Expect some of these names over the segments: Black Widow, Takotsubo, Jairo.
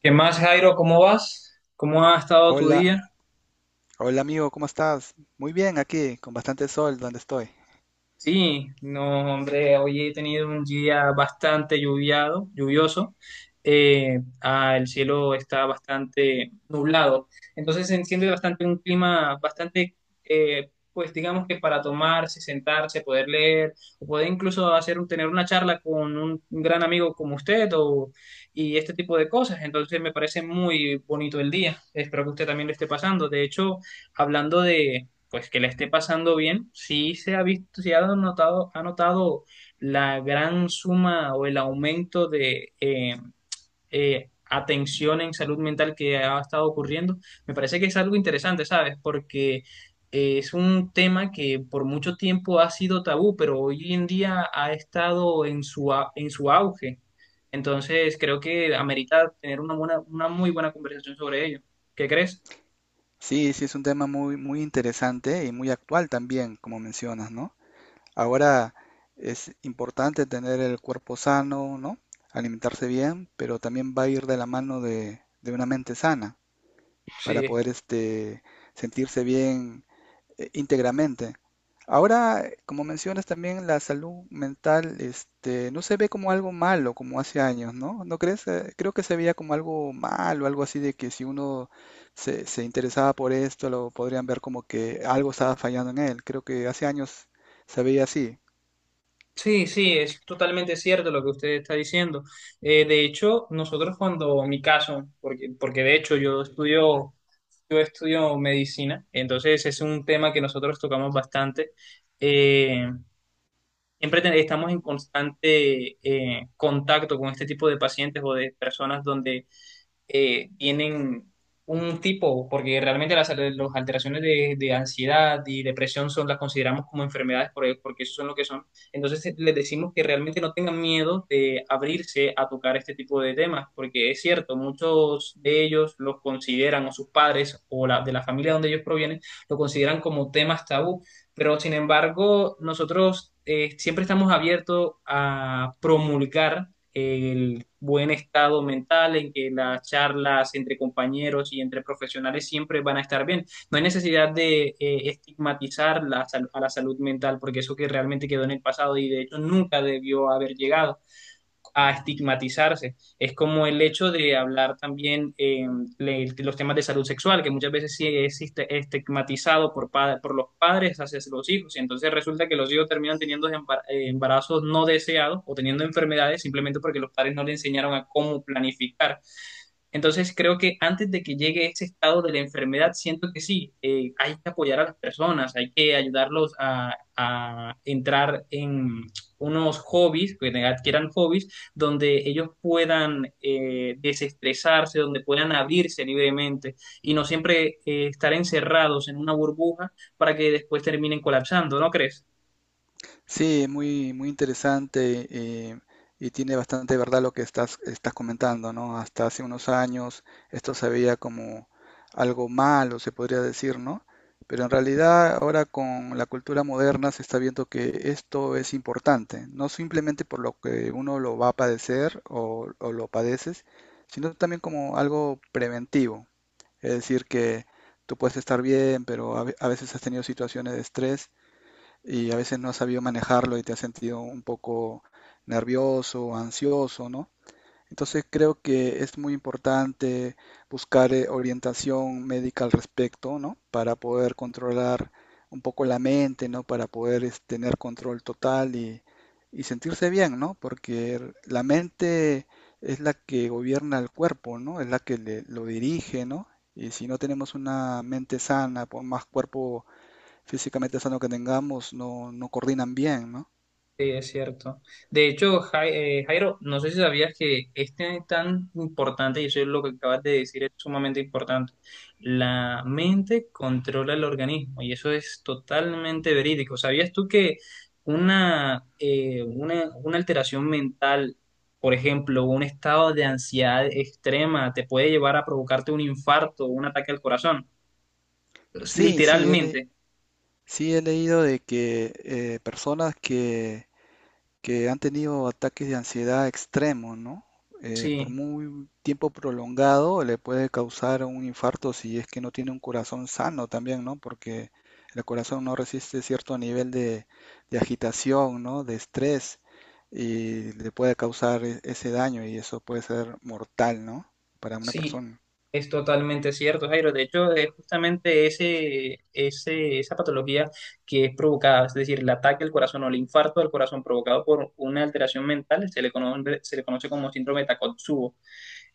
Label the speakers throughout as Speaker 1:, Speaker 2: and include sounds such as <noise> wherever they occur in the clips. Speaker 1: ¿Qué más, Jairo? ¿Cómo vas? ¿Cómo ha estado tu
Speaker 2: Hola,
Speaker 1: día?
Speaker 2: hola amigo, ¿cómo estás? Muy bien aquí, con bastante sol donde estoy.
Speaker 1: Sí, no, hombre, hoy he tenido un día bastante lluvioso. El cielo está bastante nublado. Entonces se enciende bastante un clima bastante, pues digamos que para tomarse, sentarse, poder leer, o poder incluso tener una charla con un gran amigo como usted o, y este tipo de cosas. Entonces me parece muy bonito el día. Espero que usted también lo esté pasando. De hecho, hablando pues que le esté pasando bien, sí se ha visto, sí ha notado la gran suma o el aumento de atención en salud mental que ha estado ocurriendo. Me parece que es algo interesante, ¿sabes? Porque es un tema que por mucho tiempo ha sido tabú, pero hoy en día ha estado en en su auge. Entonces, creo que amerita tener una buena, una muy buena conversación sobre ello. ¿Qué crees?
Speaker 2: Sí, sí, es un tema muy interesante y muy actual también, como mencionas, ¿no? Ahora es importante tener el cuerpo sano, ¿no? Alimentarse bien, pero también va a ir de la mano de una mente sana para
Speaker 1: Sí,
Speaker 2: poder sentirse bien íntegramente. Ahora, como mencionas también, la salud mental, no se ve como algo malo como hace años, ¿no? ¿No crees? Creo que se veía como algo malo, algo así de que si uno se interesaba por esto, lo podrían ver como que algo estaba fallando en él. Creo que hace años se veía así.
Speaker 1: sí, sí, es totalmente cierto lo que usted está diciendo. De hecho, nosotros cuando, mi caso, porque de hecho yo estudio medicina, entonces es un tema que nosotros tocamos bastante. Eh, Siempre estamos en constante contacto con este tipo de pacientes o de personas donde tienen un tipo, porque realmente las alteraciones de ansiedad y depresión son, las consideramos como enfermedades porque eso son lo que son. Entonces les decimos que realmente no tengan miedo de abrirse a tocar este tipo de temas, porque es cierto, muchos de ellos los consideran, o sus padres, o de la familia donde ellos provienen, lo consideran como temas tabú, pero sin embargo nosotros siempre estamos abiertos a promulgar el buen estado mental, en que las charlas entre compañeros y entre profesionales siempre van a estar bien. No hay necesidad de estigmatizar a la salud mental, porque eso que realmente quedó en el pasado y de hecho nunca debió haber llegado a estigmatizarse. Es como el hecho de hablar también los temas de salud sexual, que muchas veces sí existe estigmatizado por los padres hacia los hijos, y entonces resulta que los hijos terminan teniendo embarazos no deseados o teniendo enfermedades simplemente porque los padres no le enseñaron a cómo planificar. Entonces creo que antes de que llegue ese estado de la enfermedad, siento que sí, hay que apoyar a las personas, hay que ayudarlos a entrar en unos hobbies, que adquieran hobbies donde ellos puedan desestresarse, donde puedan abrirse libremente y no siempre estar encerrados en una burbuja para que después terminen colapsando, ¿no crees?
Speaker 2: Sí, muy interesante eh, y tiene bastante verdad lo que estás comentando, ¿no? Hasta hace unos años esto se veía como algo malo, se podría decir, ¿no? Pero en realidad ahora con la cultura moderna se está viendo que esto es importante, no simplemente por lo que uno lo va a padecer o lo padeces, sino también como algo preventivo. Es decir, que tú puedes estar bien, pero a veces has tenido situaciones de estrés y a veces no has sabido manejarlo y te has sentido un poco nervioso, ansioso, ¿no? Entonces creo que es muy importante buscar orientación médica al respecto, ¿no? Para poder controlar un poco la mente, ¿no? Para tener control total y sentirse bien, ¿no? Porque la mente es la que gobierna el cuerpo, ¿no? Es la que lo dirige, ¿no? Y si no tenemos una mente sana, por más cuerpo físicamente sano que tengamos no, no coordinan bien, ¿no?
Speaker 1: Sí, es cierto. De hecho, Jairo, no sé si sabías que este es tan importante, y eso es lo que acabas de decir, es sumamente importante. La mente controla el organismo, y eso es totalmente verídico. ¿Sabías tú que una alteración mental, por ejemplo, un estado de ansiedad extrema, te puede llevar a provocarte un infarto, un ataque al corazón?
Speaker 2: Sí, sí,
Speaker 1: Literalmente,
Speaker 2: sí he leído de que personas que han tenido ataques de ansiedad extremos, ¿no? Por
Speaker 1: sí.
Speaker 2: muy tiempo prolongado le puede causar un infarto si es que no tiene un corazón sano también, ¿no? Porque el corazón no resiste cierto nivel de agitación, ¿no? De estrés y le puede causar ese daño y eso puede ser mortal, ¿no? Para una
Speaker 1: Sí,
Speaker 2: persona.
Speaker 1: es totalmente cierto, Jairo. De hecho, es justamente esa patología que es provocada, es decir, el ataque al corazón o el infarto al corazón provocado por una alteración mental, se le conoce como síndrome de Takotsubo.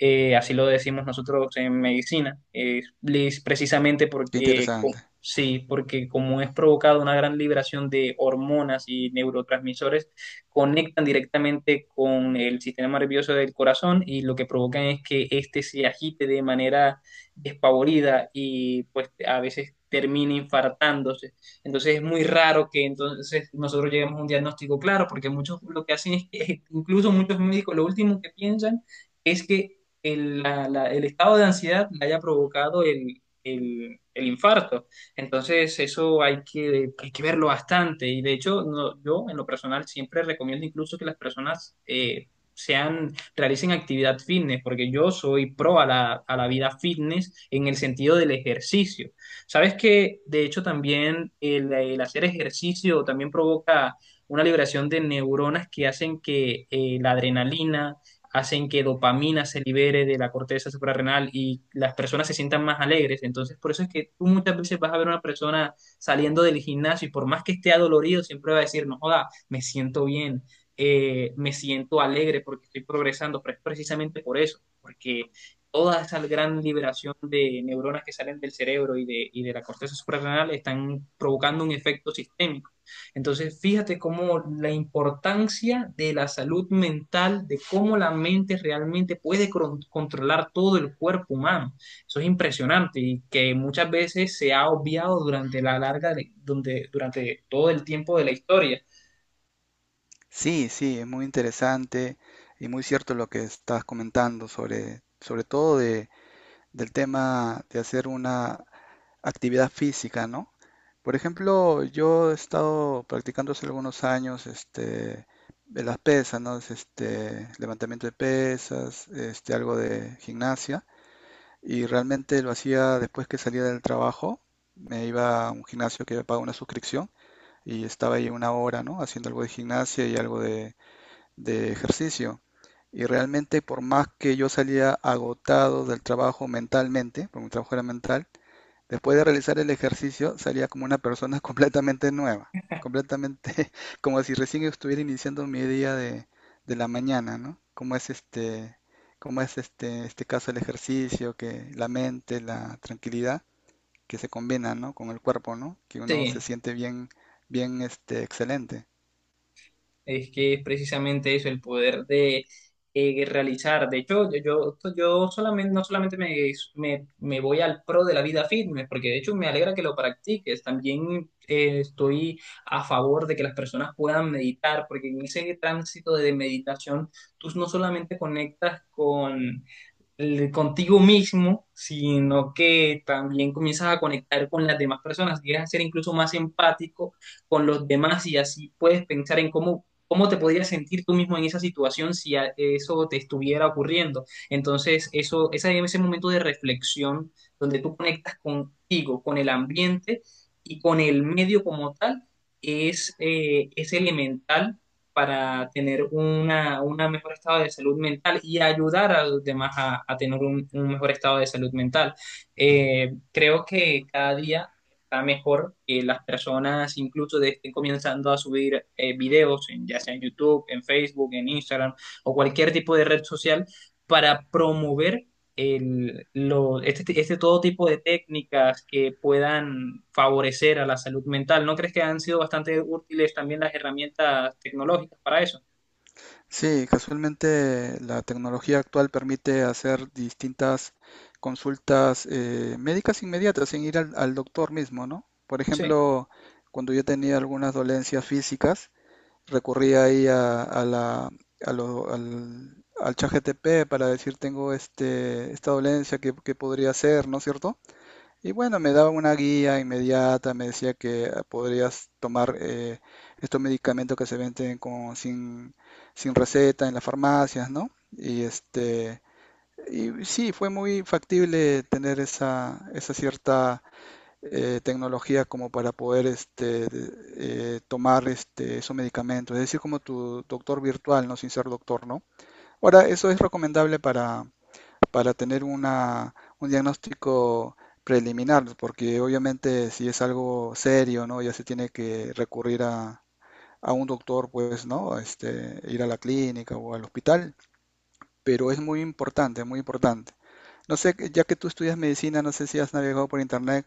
Speaker 1: Así lo decimos nosotros en medicina. Es precisamente
Speaker 2: Qué
Speaker 1: porque,
Speaker 2: interesante.
Speaker 1: sí, porque como es provocado una gran liberación de hormonas y neurotransmisores, conectan directamente con el sistema nervioso del corazón y lo que provocan es que éste se agite de manera despavorida y pues a veces termine infartándose. Entonces es muy raro que entonces nosotros lleguemos a un diagnóstico claro, porque muchos lo que hacen es que <laughs> incluso muchos médicos lo último que piensan es que el estado de ansiedad le haya provocado el infarto. Entonces, eso hay que verlo bastante. Y de hecho, yo en lo personal siempre recomiendo incluso que las personas realicen actividad fitness, porque yo soy pro a a la vida fitness en el sentido del ejercicio. Sabes que, de hecho, también el hacer ejercicio también provoca una liberación de neuronas que hacen que la adrenalina, hacen que dopamina se libere de la corteza suprarrenal y las personas se sientan más alegres. Entonces, por eso es que tú muchas veces vas a ver a una persona saliendo del gimnasio y por más que esté adolorido, siempre va a decir, no joda, me siento bien, me siento alegre porque estoy progresando, pero es precisamente por eso, porque toda esa gran liberación de neuronas que salen del cerebro y de la corteza suprarrenal están provocando un efecto sistémico. Entonces, fíjate cómo la importancia de la salud mental, de cómo la mente realmente puede controlar todo el cuerpo humano. Eso es impresionante y que muchas veces se ha obviado durante la larga, de- donde, durante todo el tiempo de la historia.
Speaker 2: Sí, sí, es muy interesante y muy cierto lo que estás comentando sobre todo del tema de hacer una actividad física, ¿no? Por ejemplo, yo he estado practicando hace algunos años de las pesas, ¿no? Levantamiento de pesas, algo de gimnasia y realmente lo hacía después que salía del trabajo, me iba a un gimnasio que pagaba una suscripción y estaba ahí una hora, ¿no? Haciendo algo de gimnasia y algo de ejercicio. Y realmente por más que yo salía agotado del trabajo mentalmente, porque mi trabajo era mental, después de realizar el ejercicio salía como una persona <laughs> completamente nueva, completamente <laughs> como si recién estuviera iniciando mi día de la mañana, ¿no? Como es este caso el ejercicio, que la mente, la tranquilidad que se combina, ¿no? Con el cuerpo, ¿no? Que uno se
Speaker 1: Sí.
Speaker 2: siente bien, bien, excelente.
Speaker 1: Es que es precisamente eso, el poder de realizar. De hecho, yo solamente, no solamente me voy al pro de la vida fitness, porque de hecho me alegra que lo practiques. También estoy a favor de que las personas puedan meditar, porque en ese tránsito de meditación tú no solamente conectas con contigo mismo, sino que también comienzas a conectar con las demás personas, llegas a ser incluso más empático con los demás y así puedes pensar en cómo, cómo te podrías sentir tú mismo en esa situación si a- eso te estuviera ocurriendo. Entonces, ese momento de reflexión donde tú conectas contigo, con el ambiente y con el medio como tal, es elemental para tener una mejor estado de salud mental y ayudar a los demás a tener un mejor estado de salud mental. Creo que cada día está mejor que las personas incluso estén comenzando a subir videos, en, ya sea en YouTube, en Facebook, en Instagram o cualquier tipo de red social, para promover este todo tipo de técnicas que puedan favorecer a la salud mental. ¿No crees que han sido bastante útiles también las herramientas tecnológicas para eso?
Speaker 2: Sí, casualmente la tecnología actual permite hacer distintas consultas médicas inmediatas sin ir al doctor mismo, ¿no? Por
Speaker 1: Sí,
Speaker 2: ejemplo, cuando yo tenía algunas dolencias físicas, recurría ahí a la, a lo- al, al ChatGPT para decir tengo esta dolencia, qué podría ser, ¿no es cierto? Y bueno, me daba una guía inmediata, me decía que ah, podrías tomar estos medicamentos que se venden con, sin, sin receta en las farmacias, ¿no? Y y sí, fue muy factible tener esa cierta tecnología como para poder tomar esos medicamentos, es decir, como tu doctor virtual, ¿no? Sin ser doctor, ¿no? Ahora, eso es recomendable para tener un diagnóstico preliminar, porque obviamente si es algo serio, ¿no? Ya se tiene que recurrir a un doctor, pues, ¿no? Este, ir a la clínica o al hospital, pero es muy importante, muy importante. No sé, ya que tú estudias medicina, no sé si has navegado por internet,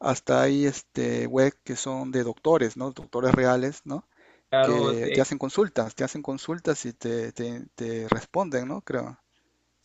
Speaker 2: hasta hay este web que son de doctores, ¿no? Doctores reales, ¿no?
Speaker 1: claro.
Speaker 2: Que te hacen consultas y te responden, ¿no? Creo.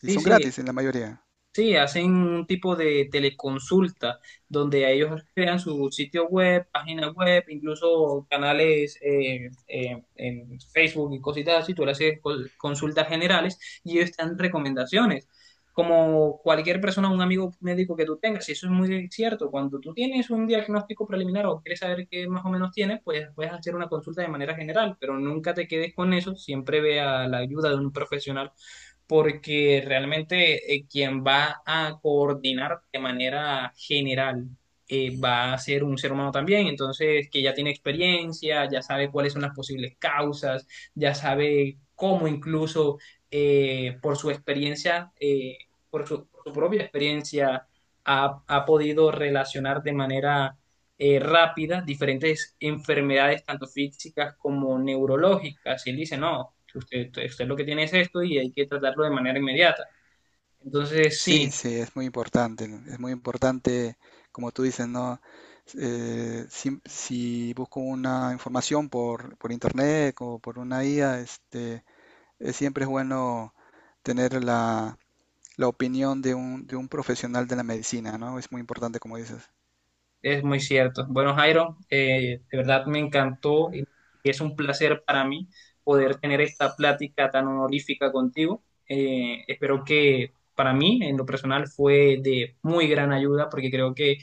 Speaker 2: Y son
Speaker 1: sí.
Speaker 2: gratis en la mayoría.
Speaker 1: Sí, hacen un tipo de teleconsulta donde ellos crean su sitio web, página web, incluso canales en Facebook y cositas así. Tú le haces consultas generales y ellos te dan recomendaciones. Como cualquier persona, un amigo médico que tú tengas, y eso es muy cierto. Cuando tú tienes un diagnóstico preliminar o quieres saber qué más o menos tienes, pues puedes hacer una consulta de manera general, pero nunca te quedes con eso. Siempre vea la ayuda de un profesional porque realmente quien va a coordinar de manera general va a ser un ser humano también, entonces que ya tiene experiencia, ya sabe cuáles son las posibles causas, ya sabe cómo incluso eh, por su experiencia, eh, por su propia experiencia, ha podido relacionar de manera rápida diferentes enfermedades, tanto físicas como neurológicas. Y él dice, no, usted, usted lo que tiene es esto y hay que tratarlo de manera inmediata. Entonces, sí,
Speaker 2: Sí, sí, es muy importante, ¿no? Es muy importante, como tú dices, ¿no? Si busco una información por internet o por una IA, es, siempre es bueno tener la opinión de de un profesional de la medicina, ¿no? Es muy importante, como dices.
Speaker 1: es muy cierto. Bueno, Jairo, de verdad me encantó y es un placer para mí poder tener esta plática tan honorífica contigo. Espero que para mí, en lo personal, fue de muy gran ayuda porque creo que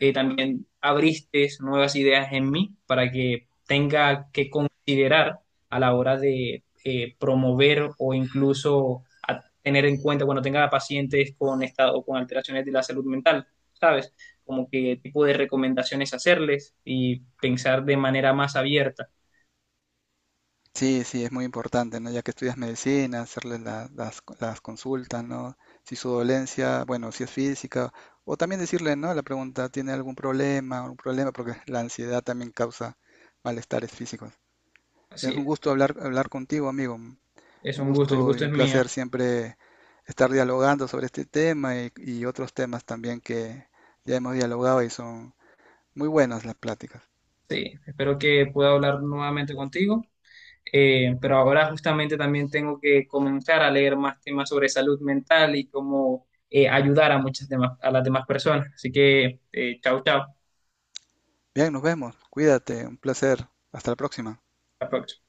Speaker 1: también abriste nuevas ideas en mí para que tenga que considerar a la hora de promover o incluso a tener en cuenta cuando tenga pacientes con estado, con alteraciones de la salud mental, ¿sabes? Como qué tipo de recomendaciones hacerles y pensar de manera más abierta.
Speaker 2: Sí, sí, es muy importante, ¿no? Ya que estudias medicina, hacerle las consultas, ¿no? Si su dolencia, bueno, si es física, o también decirle, ¿no? La pregunta, ¿tiene algún problema? Un problema, porque la ansiedad también causa malestares físicos.
Speaker 1: Así
Speaker 2: Es un gusto hablar, hablar contigo, amigo. Un
Speaker 1: es un gusto, el
Speaker 2: gusto y
Speaker 1: gusto
Speaker 2: un
Speaker 1: es mío.
Speaker 2: placer siempre estar dialogando sobre este tema y otros temas también que ya hemos dialogado y son muy buenas las pláticas.
Speaker 1: Sí, espero que pueda hablar nuevamente contigo. Pero ahora justamente también tengo que comenzar a leer más temas sobre salud mental y cómo ayudar a muchas demás, a las demás personas. Así que, chao, chao. Hasta
Speaker 2: Bien, nos vemos. Cuídate, un placer. Hasta la próxima.
Speaker 1: la próxima.